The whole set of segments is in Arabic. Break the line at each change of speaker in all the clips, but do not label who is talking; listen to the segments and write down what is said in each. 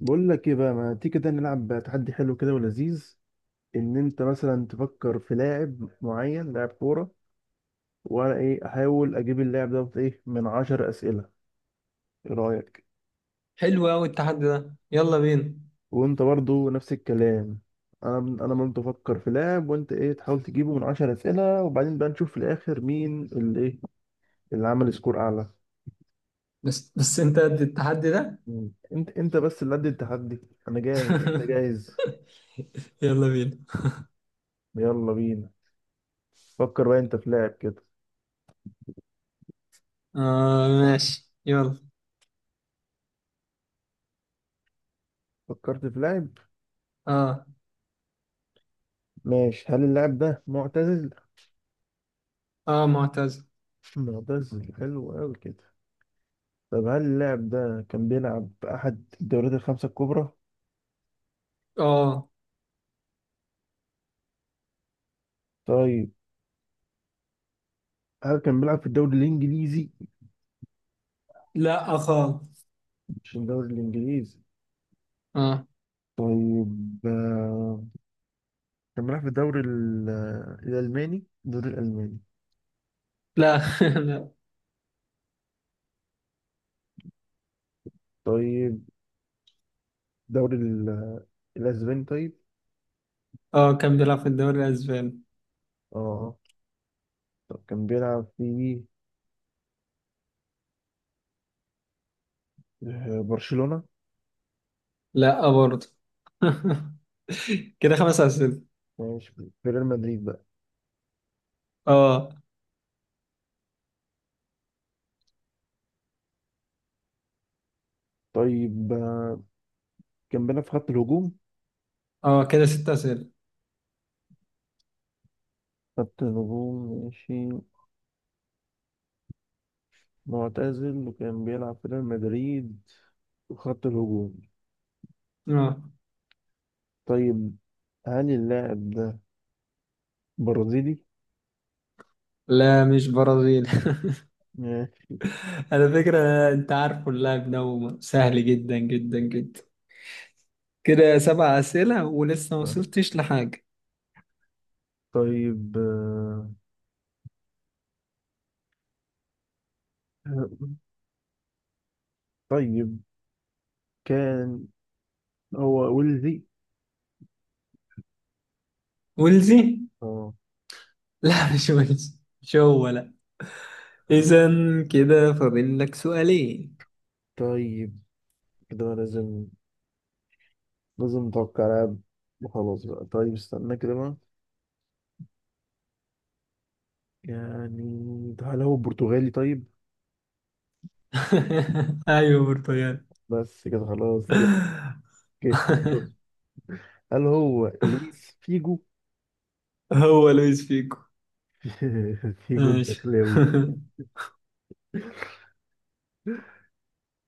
بقول لك ايه بقى، ما تيجي كده نلعب تحدي حلو كده ولذيذ. ان انت مثلا تفكر في لاعب معين، لاعب كوره، وانا ايه احاول اجيب اللاعب دوت ايه من عشر اسئله. ايه رايك؟
حلو قوي التحدي ده، يلا بينا.
وانت برضو نفس الكلام. انا برضو افكر في لاعب، وانت ايه تحاول تجيبه من عشر اسئله، وبعدين بقى نشوف في الاخر مين اللي ايه، اللي عمل سكور اعلى.
بس انت قد التحدي ده.
مم. انت بس اللي قد التحدي. انا جاهز، انت جاهز،
يلا بينا.
يلا بينا. فكر بقى انت في لاعب كده.
اه، ماشي يلا.
فكرت في لاعب؟
اه،
ماشي. هل اللاعب ده معتزل؟
اه، معتز.
معتزل، حلو قوي كده. طب هل اللاعب ده كان بيلعب في احد الدوريات الخمسة الكبرى؟
اه.
طيب، هل كان بيلعب في الدوري الانجليزي؟
لا خالص.
مش الدوري الانجليزي.
اه.
طيب، كان بيلعب في الدوري ال- آه، الالماني، الدوري الالماني؟
لا. لا.
طيب، الدوري ال- آه، الاسباني طيب.
اه، كان بيلعب في الدوري الاسباني.
اه، طب كان بيلعب في برشلونة؟
لا برضه. كده خمس اسئله.
ماشي، في ريال مدريد بقى.
اه،
طيب، كان بيلعب في خط الهجوم؟
اه، كده ست اسئله.
خط الهجوم ماشي. معتزل وكان بيلعب في ريال مدريد، خط الهجوم.
اه،
طيب، هل اللاعب ده برازيلي؟
لا مش برازيل.
ماشي.
على فكره، انت عارف اللاعب ده سهل جدا جدا جدا. كده سبع اسئله ولسه ما وصلتش لحاجه.
طيب، طيب، كان هو ولدي؟
ولزي.
اه.
لا، مش ولزي، مش هو، لا. اذا كده فاضل لك سؤالين.
طيب، كده بقى لازم، لازم نتوقع لاعب وخلاص بقى. طيب، استنى كده بقى، يعني ده هل هو برتغالي طيب؟
ايوه، برتغال.
بس كده خلاص، جبت جبت. هل هو لويس فيجو؟
هو لويس فيجو.
فيجو
ماشي.
الدخلاوي.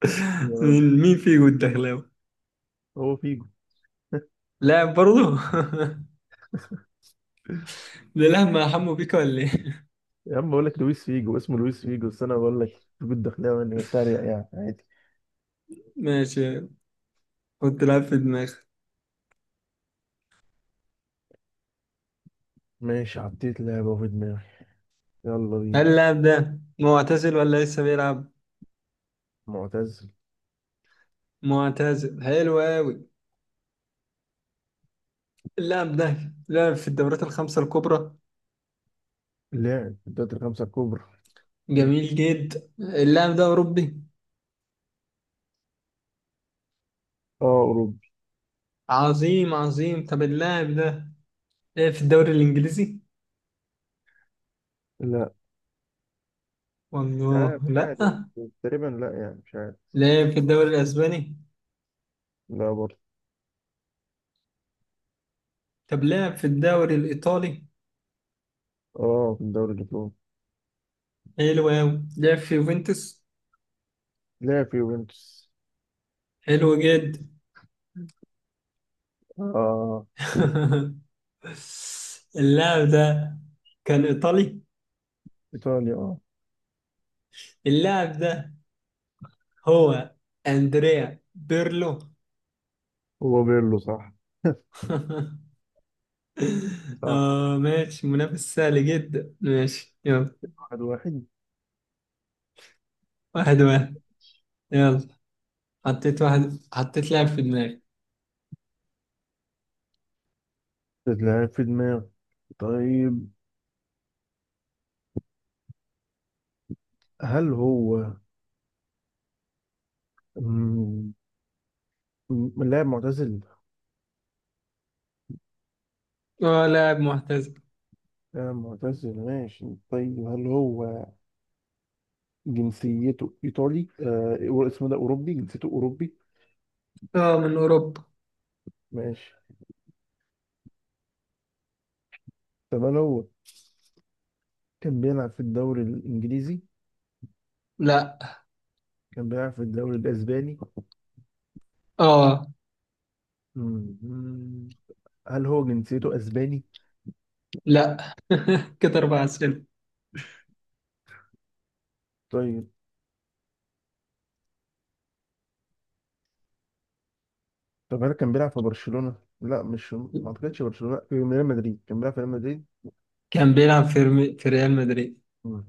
آه،
مين فيجو الدخلاوي؟
هو فيجو.
لاعب برضه؟ ده لاعب مع حمو بيكا ولا ايه؟
يا عم بقول لك لويس فيجو، اسمه لويس فيجو، بس انا بقول لك فيجو الدخلاوي اني بتريق، يعني عادي.
ماشي، كنت لعب في دماغي.
ماشي، حطيت لعبه في دماغي. يلا
هل
بينا.
اللاعب ده معتزل ولا لسه بيلعب؟
معتزل،
معتزل حلو قوي. اللاعب ده لعب في الدورات الخمسة الكبرى.
لاعب في الدوري الخمسه الكبرى. م.
جميل جدا، اللاعب ده أوروبي.
اه، اوروبي.
عظيم عظيم، طب اللاعب ده لعب في الدوري الإنجليزي؟
لا، مش
والله
عارف، مش
لأ.
عارف، تقريبا لا، يعني مش عارف.
لعب في الدوري الأسباني.
لا برضه.
طب لعب في الدوري الإيطالي.
اه، في الدوري الايطالي.
حلو أوي، لعب في يوفنتوس.
لاعب في يوفنتوس.
حلو جدا.
اه،
اللاعب ده كان إيطالي.
ايطاليا اه.
اللاعب ده هو أندريا بيرلو.
هو بيرلو، صح؟ صح.
آه، ماشي، منافس سهل جدا، ماشي يلا.
واحد واحد.
1-1. يلا. حطيت لاعب في دماغي.
لاعب في دماغي. طيب، هل هو، مم، لاعب معتزل؟
اه، لاعب معتزل.
لاعب معتزل ماشي. طيب، هل هو جنسيته إيطالي؟ اسمه ده أوروبي، جنسيته أوروبي.
اه، من اوروبا.
ماشي. طب هل هو كان بيلعب في الدوري الإنجليزي؟
لا.
كان بيلعب في الدوري الأسباني؟
اه.
مم. هل هو جنسيته أسباني؟
لا. كده اربع اسئله.
طيب. طب هل كان بيلعب في برشلونة؟ لا، مش، ما أعتقدش برشلونة، في ريال مدريد، كان بيلعب في ريال مدريد؟
كان بيلعب في في ريال مدريد.
مم.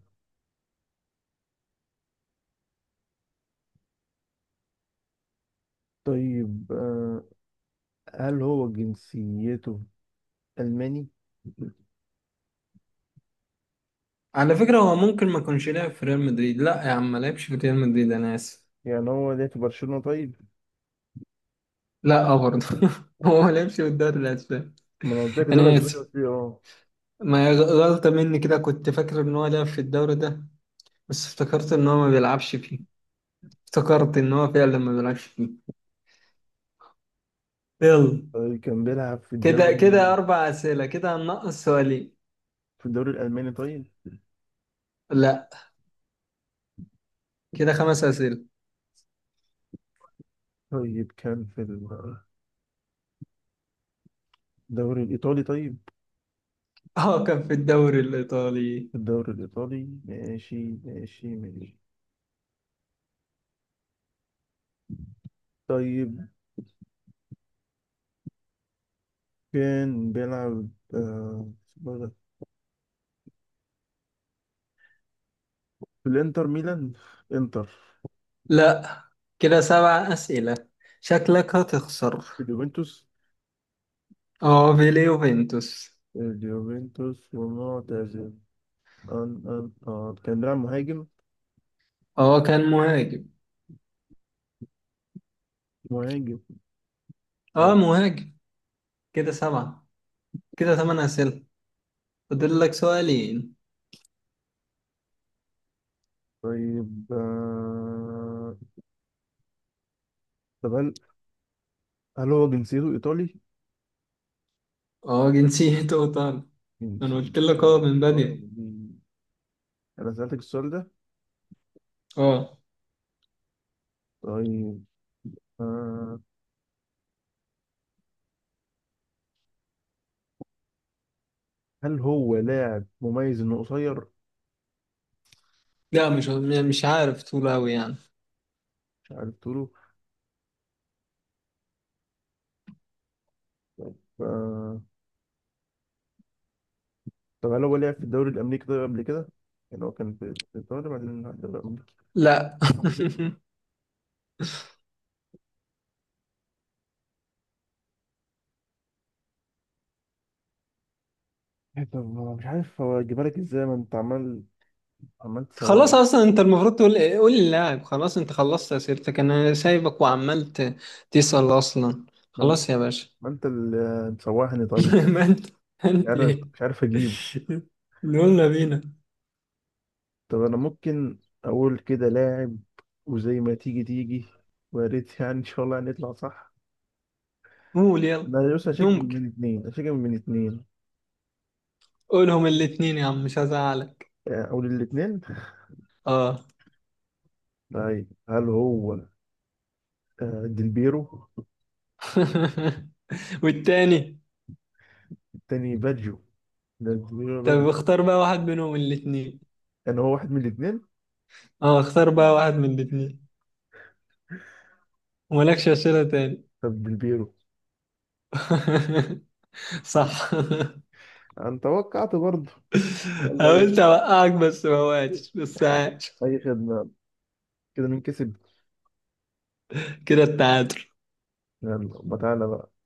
طيب، هل هو جنسيته ألماني؟
على فكره، هو ممكن ما كانش لعب في ريال مدريد. لا يا عم ما لعبش في ريال مدريد، انا اسف.
يعني هو ليه في برشلونة طيب؟
لا، اه برضه. هو ما لعبش في الدوري الاسباني،
ما انا قلت لك الدوري
انا
الاسباني،
اسف.
قلت لي اه.
ما هي غلطه مني، كده كنت فاكر ان هو لعب في الدوري ده. بس افتكرت ان هو ما بيلعبش فيه. افتكرت ان هو فعلا ما بيلعبش فيه. يلا.
طيب، كان بيلعب في
كده
الدوري،
كده أربع أسئلة، كده هننقص سؤالين.
في الدوري الالماني طيب؟
لا، كده خمس أسئلة.
طيب كان في الدوري الايطالي طيب؟
اه، كان في الدوري الإيطالي.
في الدوري الايطالي، ماشي ماشي ماشي. طيب، كان بيلعب، آه، اسمه إيه ده؟ في الانتر ميلان، انتر؟
لا، كده سبع أسئلة، شكلك هتخسر.
في اليوفنتوس.
اه، في ليوفنتوس.
اليوفنتوس، ومعتزل. أن أن آه. كان بيلعب مهاجم؟
اه، كان مهاجم.
مهاجم، اه.
اه، مهاجم. كده سبعة، كده ثمان أسئلة، فاضل لك سؤالين.
طيب، طب هل هو جنسيته ايطالي؟
اه، جنسيته إيطالي.
مين
أنا قلت
سيدي؟
لك، اه، من بدري.
مين؟ أنا سألتك السؤال ده.
اه.
طيب، آه. هل هو لاعب مميز إنه قصير؟
لا، مش عارف طول أوي يعني.
مش عارف تقوله. آه. طب هل هو لعب في الدوري الأمريكي ده قبل كده؟ يعني هو كان في الدوري، بعدين راح الدوري الأمريكي؟
لا.
إيه؟ طب ما أنا مش عارف هو أجيبها لك إزاي، ما أنت عمال عمال
خلاص،
تسوحني.
اصلا انت المفروض تقول إيه؟ قول للاعب خلاص، انت خلصت اسئلتك، انا سايبك وعمال تسأل اصلا.
ما أنت
خلاص يا باشا.
ما أنت اللي مسوحني طبعا.
ما انت
مش
انت
عارف
ايه.
مش عارف أجيبه.
يلا بينا.
طب أنا ممكن أقول كده لاعب، وزي ما تيجي تيجي، ويا ريت يعني إن شاء الله هنطلع صح.
قول يلا.
لا بص، هشيك
ممكن،
من الاثنين هشيك من الاثنين
قولهم الاتنين يا عم، مش هزعلك.
او للاثنين.
اه.
طيب، هل هو ديلبيرو؟
والتاني؟
التاني باجيو، ده ديلبيرو باجيو،
طب اختار بقى واحد منهم الاتنين.
يعني هو واحد من الاثنين.
اه، اختار بقى واحد من الاتنين، ومالكش اسئلة تاني.
طب ديلبيرو.
صح.
انا توقعت برضه، الله اي.
حاولت اوقعك بس ما وقعتش، بس عاش.
أي خدمه. كده مين كسب؟
كده التعادل.
يلا ما تعالى بقى.